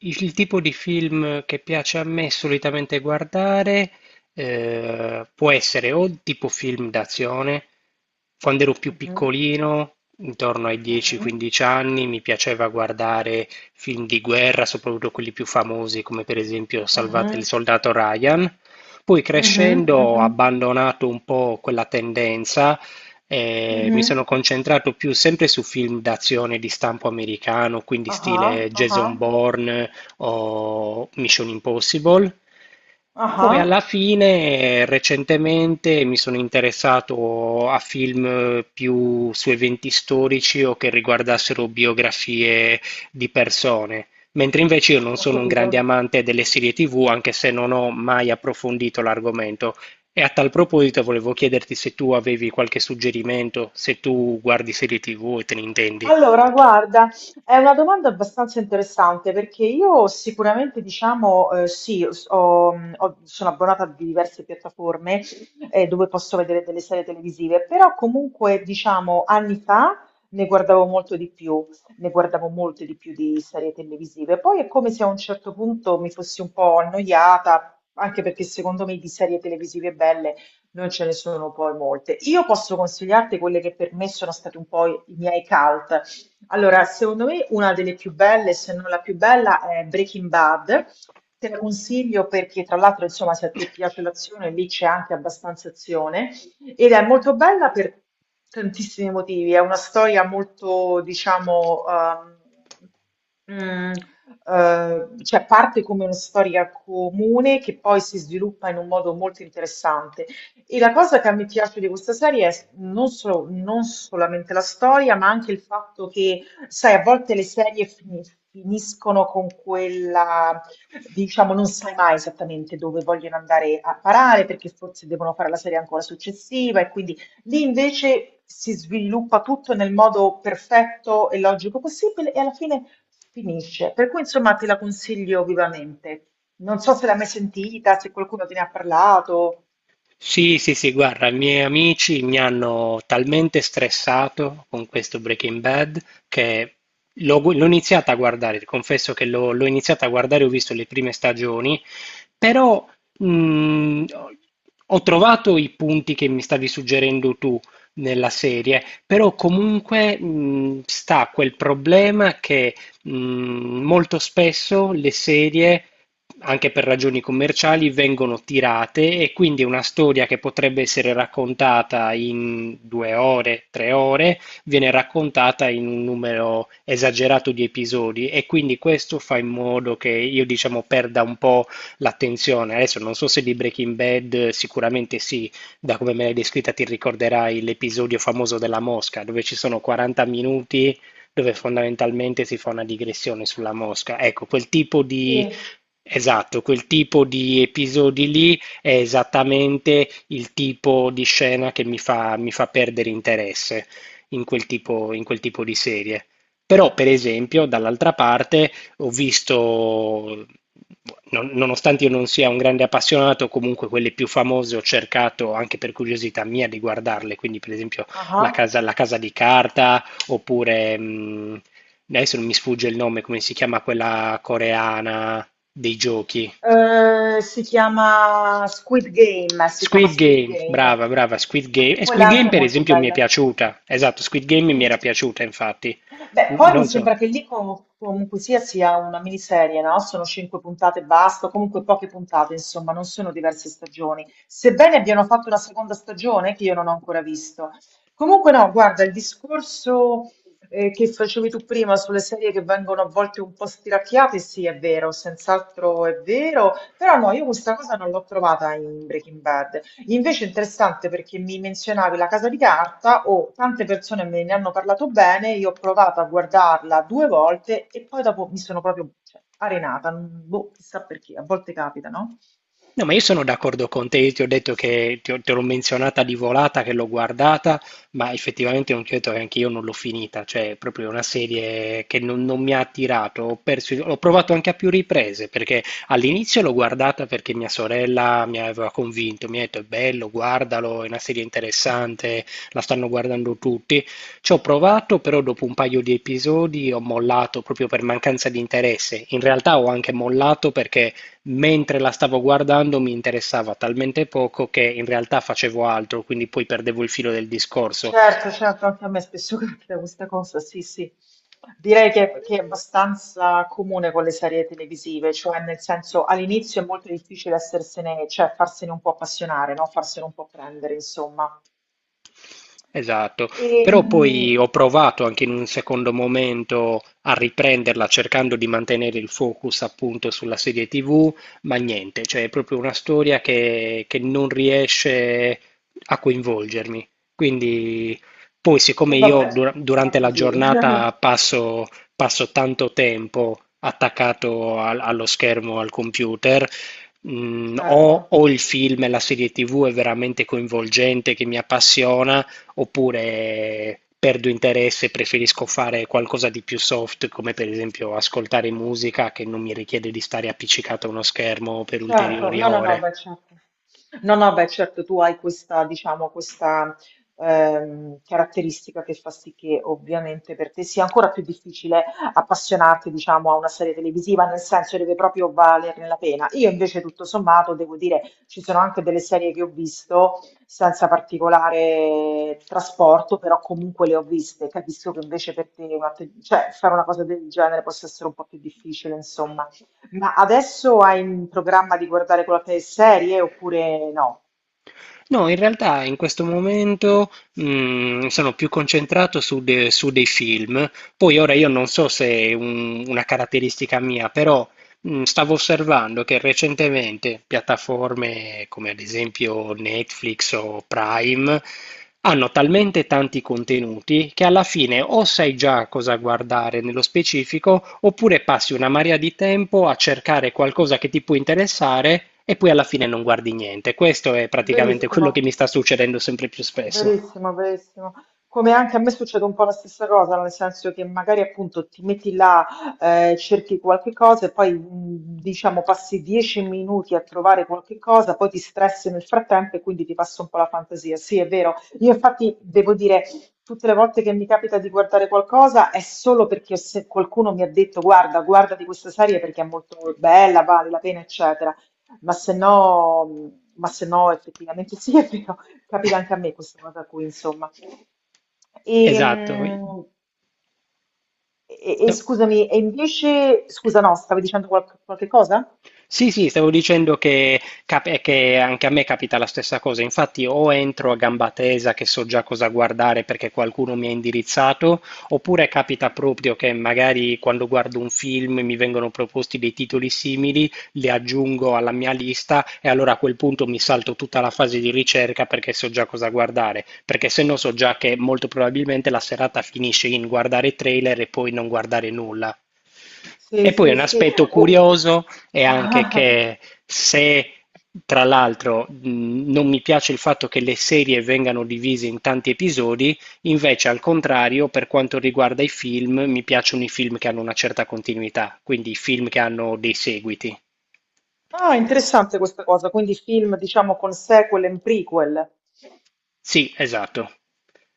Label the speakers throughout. Speaker 1: Il tipo di film che piace a me solitamente guardare può essere o tipo film d'azione, quando ero più
Speaker 2: Mhm,
Speaker 1: piccolino, intorno ai
Speaker 2: mhm,
Speaker 1: 10-15 anni, mi piaceva guardare film di guerra, soprattutto quelli più famosi, come per esempio Salvate il
Speaker 2: mhm,
Speaker 1: soldato Ryan. Poi
Speaker 2: mhm,
Speaker 1: crescendo ho
Speaker 2: mhm,
Speaker 1: abbandonato un po' quella tendenza e mi
Speaker 2: mhm,
Speaker 1: sono concentrato più sempre su film d'azione di stampo americano, quindi
Speaker 2: aha,
Speaker 1: stile
Speaker 2: aha,
Speaker 1: Jason Bourne o Mission Impossible.
Speaker 2: aha,
Speaker 1: Poi alla fine, recentemente, mi sono interessato a film più su eventi storici o che riguardassero biografie di persone. Mentre invece io non
Speaker 2: ho
Speaker 1: sono un grande
Speaker 2: capito.
Speaker 1: amante delle serie TV, anche se non ho mai approfondito l'argomento. E a tal proposito volevo chiederti se tu avevi qualche suggerimento, se tu guardi serie TV e te ne intendi.
Speaker 2: Allora, guarda, è una domanda abbastanza interessante perché io sicuramente, diciamo, sì, sono abbonata a diverse piattaforme dove posso vedere delle serie televisive, però comunque, diciamo, anni fa ne guardavo molto di più, ne guardavo molte di più di serie televisive. Poi è come se a un certo punto mi fossi un po' annoiata, anche perché secondo me di serie televisive belle non ce ne sono poi molte. Io posso consigliarti quelle che per me sono stati un po' i miei cult. Allora, secondo me una delle più belle, se non la più bella, è Breaking Bad. Te la consiglio perché, tra l'altro, insomma, se a te piace l'azione, lì c'è anche abbastanza azione. Ed è molto bella per tantissimi motivi. È una storia molto, diciamo, mm, cioè parte come una storia comune che poi si sviluppa in un modo molto interessante. E la cosa che a me piace di questa serie è non solamente la storia, ma anche il fatto che, sai, a volte le serie finiscono con quella, diciamo, non sai mai esattamente dove vogliono andare a parare, perché forse devono fare la serie ancora successiva, e quindi lì invece si sviluppa tutto nel modo perfetto e logico possibile, e alla fine finisce. Per cui, insomma, te la consiglio vivamente. Non so se l'hai mai sentita, se qualcuno te ne ha parlato.
Speaker 1: Sì, sì, sì, guarda, i miei amici mi hanno talmente stressato con questo Breaking Bad che l'ho iniziata a guardare, confesso che l'ho iniziata a guardare, ho visto le prime stagioni. Però, ho ho trovato i punti che mi stavi suggerendo tu nella serie, però comunque, sta quel problema che, molto spesso le serie, anche per ragioni commerciali, vengono tirate e quindi una storia che potrebbe essere raccontata in 2 ore, 3 ore, viene raccontata in un numero esagerato di episodi e quindi questo fa in modo che io, diciamo, perda un po' l'attenzione. Adesso non so se di Breaking Bad, sicuramente sì, da come me l'hai descritta ti ricorderai l'episodio famoso della mosca, dove ci sono 40 minuti dove fondamentalmente si fa una digressione sulla mosca. Ecco, quel tipo di...
Speaker 2: Sì.
Speaker 1: Esatto, quel tipo di episodi lì è esattamente il tipo di scena che mi fa perdere interesse in quel tipo di serie. Però, per esempio, dall'altra parte, ho visto, nonostante io non sia un grande appassionato, comunque quelle più famose ho cercato anche per curiosità mia di guardarle, quindi per esempio
Speaker 2: Ah ah.
Speaker 1: La casa di carta, oppure adesso non mi sfugge il nome, come si chiama quella coreana dei giochi?
Speaker 2: Si chiama Squid Game, si chiama
Speaker 1: Squid
Speaker 2: Squid
Speaker 1: Game,
Speaker 2: Game.
Speaker 1: brava, brava, Squid Game. E Squid
Speaker 2: Quella
Speaker 1: Game
Speaker 2: anche è
Speaker 1: per
Speaker 2: molto
Speaker 1: esempio mi è
Speaker 2: bella.
Speaker 1: piaciuta, esatto, Squid Game mi era
Speaker 2: Sì.
Speaker 1: piaciuta infatti.
Speaker 2: Beh, poi mi
Speaker 1: Non so.
Speaker 2: sembra che lì comunque sia sia una miniserie, no? Sono cinque puntate e basta, comunque poche puntate, insomma, non sono diverse stagioni. Sebbene abbiano fatto una seconda stagione che io non ho ancora visto. Comunque no, guarda, il discorso che facevi tu prima sulle serie che vengono a volte un po' stiracchiate, sì, è vero, senz'altro è vero, però no, io questa cosa non l'ho trovata in Breaking Bad. Invece è interessante perché mi menzionavi La Casa di Carta, o tante persone me ne hanno parlato bene, io ho provato a guardarla due volte e poi dopo mi sono proprio cioè, arenata, boh, chissà perché, a volte capita, no?
Speaker 1: No, ma io sono d'accordo con te, io ti ho detto che te l'ho menzionata di volata, che l'ho guardata, ma effettivamente non ti ho detto che anche io non l'ho finita, cioè è proprio una serie che non mi ha attirato, ho perso, l'ho provato anche a più riprese, perché all'inizio l'ho guardata perché mia sorella mi aveva convinto, mi ha detto è bello, guardalo, è una serie interessante, la stanno guardando tutti, ci ho provato, però dopo un paio di episodi ho mollato proprio per mancanza di interesse, in realtà ho anche mollato perché mentre la stavo guardando mi interessava talmente poco che in realtà facevo altro, quindi poi perdevo il filo del discorso.
Speaker 2: Certo, certo, anche a me spesso capita questa cosa, sì, sì. Direi che è abbastanza comune con le serie televisive, cioè nel senso all'inizio è molto difficile essersene, cioè farsene un po' appassionare, no? Farsene un po' prendere, insomma.
Speaker 1: Esatto,
Speaker 2: E,
Speaker 1: però
Speaker 2: mm,
Speaker 1: poi ho provato anche in un secondo momento a riprenderla cercando di mantenere il focus appunto sulla serie TV, ma niente, cioè è proprio una storia che non riesce a coinvolgermi. Quindi poi siccome
Speaker 2: e
Speaker 1: io
Speaker 2: vabbè, va
Speaker 1: durante la
Speaker 2: così.
Speaker 1: giornata passo, passo tanto tempo attaccato allo schermo, al computer,
Speaker 2: Certo,
Speaker 1: o il film e la serie TV è veramente coinvolgente, che mi appassiona, oppure perdo interesse e preferisco fare qualcosa di più soft, come per esempio ascoltare musica che non mi richiede di stare appiccicato a uno schermo per
Speaker 2: certo,
Speaker 1: ulteriori
Speaker 2: no, no, no,
Speaker 1: ore.
Speaker 2: beh, certo. No, no, beh, certo, tu hai questa, diciamo, questa caratteristica che fa sì che ovviamente per te sia ancora più difficile appassionarti, diciamo, a una serie televisiva, nel senso deve proprio valerne la pena. Io invece, tutto sommato, devo dire, ci sono anche delle serie che ho visto senza particolare trasporto, però comunque le ho viste. Capisco che invece per te, una cioè, fare una cosa del genere possa essere un po' più difficile, insomma. Ma adesso hai in programma di guardare qualche serie oppure no?
Speaker 1: No, in realtà in questo momento sono più concentrato su, su dei film. Poi ora io non so se è una caratteristica mia, però stavo osservando che recentemente piattaforme come ad esempio Netflix o Prime hanno talmente tanti contenuti che alla fine o sai già cosa guardare nello specifico oppure passi una marea di tempo a cercare qualcosa che ti può interessare e poi alla fine non guardi niente. Questo è praticamente quello
Speaker 2: Verissimo.
Speaker 1: che mi sta succedendo sempre più spesso.
Speaker 2: Verissimo, verissimo. Come anche a me succede un po' la stessa cosa, nel senso che magari appunto ti metti là, cerchi qualche cosa e poi diciamo passi 10 minuti a trovare qualche cosa, poi ti stressi nel frattempo e quindi ti passa un po' la fantasia. Sì, è vero. Io infatti devo dire, tutte le volte che mi capita di guardare qualcosa è solo perché se qualcuno mi ha detto guarda, guarda di questa serie perché è molto bella, vale la pena, eccetera. Ma se no, mm, ma se no effettivamente sì, è vero. Capita anche a me questa cosa qui, insomma. E,
Speaker 1: Esatto.
Speaker 2: mm, e
Speaker 1: No.
Speaker 2: scusami, e invece, scusa, no, stavi dicendo qualche cosa?
Speaker 1: Sì, sì, stavo dicendo che, che anche a me capita la stessa cosa. Infatti, o entro a gamba tesa che so già cosa guardare perché qualcuno mi ha indirizzato, oppure capita proprio che magari quando guardo un film mi vengono proposti dei titoli simili, li aggiungo alla mia lista e allora a quel punto mi salto tutta la fase di ricerca perché so già cosa guardare. Perché se no so già che molto probabilmente la serata finisce in guardare trailer e poi non guardare nulla.
Speaker 2: Sì,
Speaker 1: E poi
Speaker 2: sì,
Speaker 1: un
Speaker 2: sì.
Speaker 1: aspetto
Speaker 2: Oh.
Speaker 1: curioso e anche
Speaker 2: Ah,
Speaker 1: che se tra l'altro non mi piace il fatto che le serie vengano divise in tanti episodi, invece al contrario, per quanto riguarda i film, mi piacciono i film che hanno una certa continuità, quindi i film che hanno dei seguiti.
Speaker 2: ah, interessante questa cosa, quindi film, diciamo, con sequel e prequel.
Speaker 1: Sì, esatto.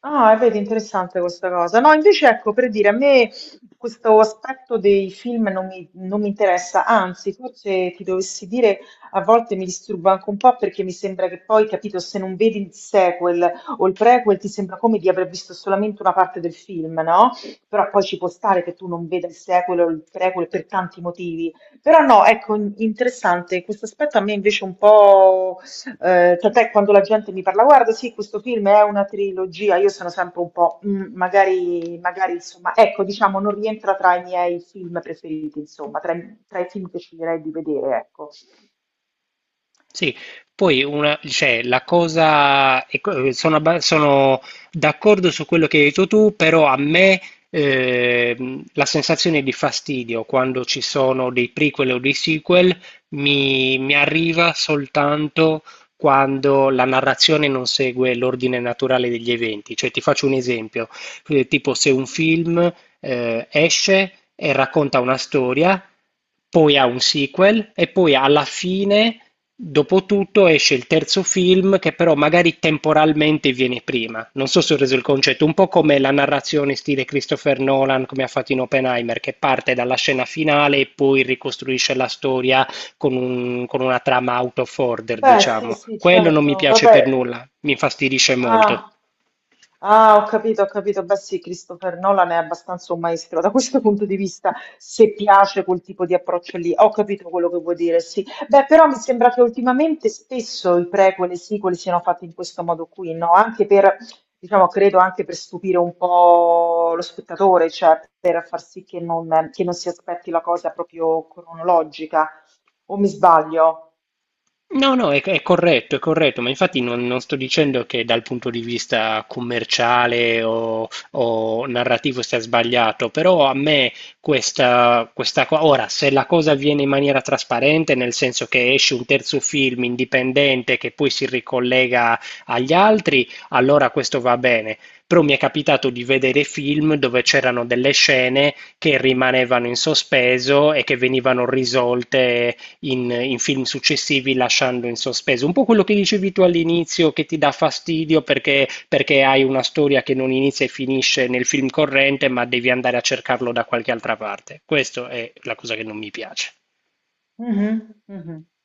Speaker 2: Ah, e vedi, interessante questa cosa. No, invece ecco, per dire, a me questo aspetto dei film non mi interessa, anzi, forse ti dovessi dire, a volte mi disturba anche un po' perché mi sembra che poi, capito, se non vedi il sequel o il prequel ti sembra come di aver visto solamente una parte del film, no? Però poi ci può stare che tu non veda il sequel o il prequel per tanti motivi. Però no, ecco, interessante, questo aspetto a me invece un po' tant'è quando la gente mi parla, guarda, sì, questo film è una trilogia, io sono sempre un po', "Mm, magari, magari, insomma, ecco, diciamo, non rientra tra i miei film preferiti, insomma, tra i film che sceglierei di vedere, ecco.
Speaker 1: Sì, poi una, cioè, la cosa, ecco, sono, sono d'accordo su quello che hai detto tu, però a me la sensazione di fastidio quando ci sono dei prequel o dei sequel mi arriva soltanto quando la narrazione non segue l'ordine naturale degli eventi. Cioè, ti faccio un esempio, tipo se un film esce e racconta una storia, poi ha un sequel e poi alla fine, dopo tutto, esce il terzo film che però magari temporalmente viene prima. Non so se ho reso il concetto, un po' come la narrazione stile Christopher Nolan, come ha fatto in Oppenheimer, che parte dalla scena finale e poi ricostruisce la storia con con una trama out of order,
Speaker 2: Beh, sì,
Speaker 1: diciamo.
Speaker 2: sì,
Speaker 1: Quello non mi
Speaker 2: certo,
Speaker 1: piace per
Speaker 2: vabbè.
Speaker 1: nulla, mi infastidisce molto.
Speaker 2: Ah, ah, ho capito, ho capito. Beh, sì, Christopher Nolan è abbastanza un maestro da questo punto di vista, se piace quel tipo di approccio lì. Ho capito quello che vuoi dire, sì. Beh, però mi sembra che ultimamente spesso i prequel e i sequel siano fatti in questo modo qui, no? Anche per, diciamo, credo anche per stupire un po' lo spettatore, cioè per far sì che non si aspetti la cosa proprio cronologica. O mi sbaglio?
Speaker 1: No, no, è corretto, ma infatti non, non sto dicendo che dal punto di vista commerciale o narrativo sia sbagliato, però a me questa, questa cosa, ora, se la cosa avviene in maniera trasparente, nel senso che esce un terzo film indipendente che poi si ricollega agli altri, allora questo va bene. Però mi è capitato di vedere film dove c'erano delle scene che rimanevano in sospeso e che venivano risolte in, in film successivi lasciando in sospeso. Un po' quello che dicevi tu all'inizio che ti dà fastidio perché, perché hai una storia che non inizia e finisce nel film corrente, ma devi andare a cercarlo da qualche altra parte. Questa è la cosa che non mi piace.
Speaker 2: Mhm, mhm.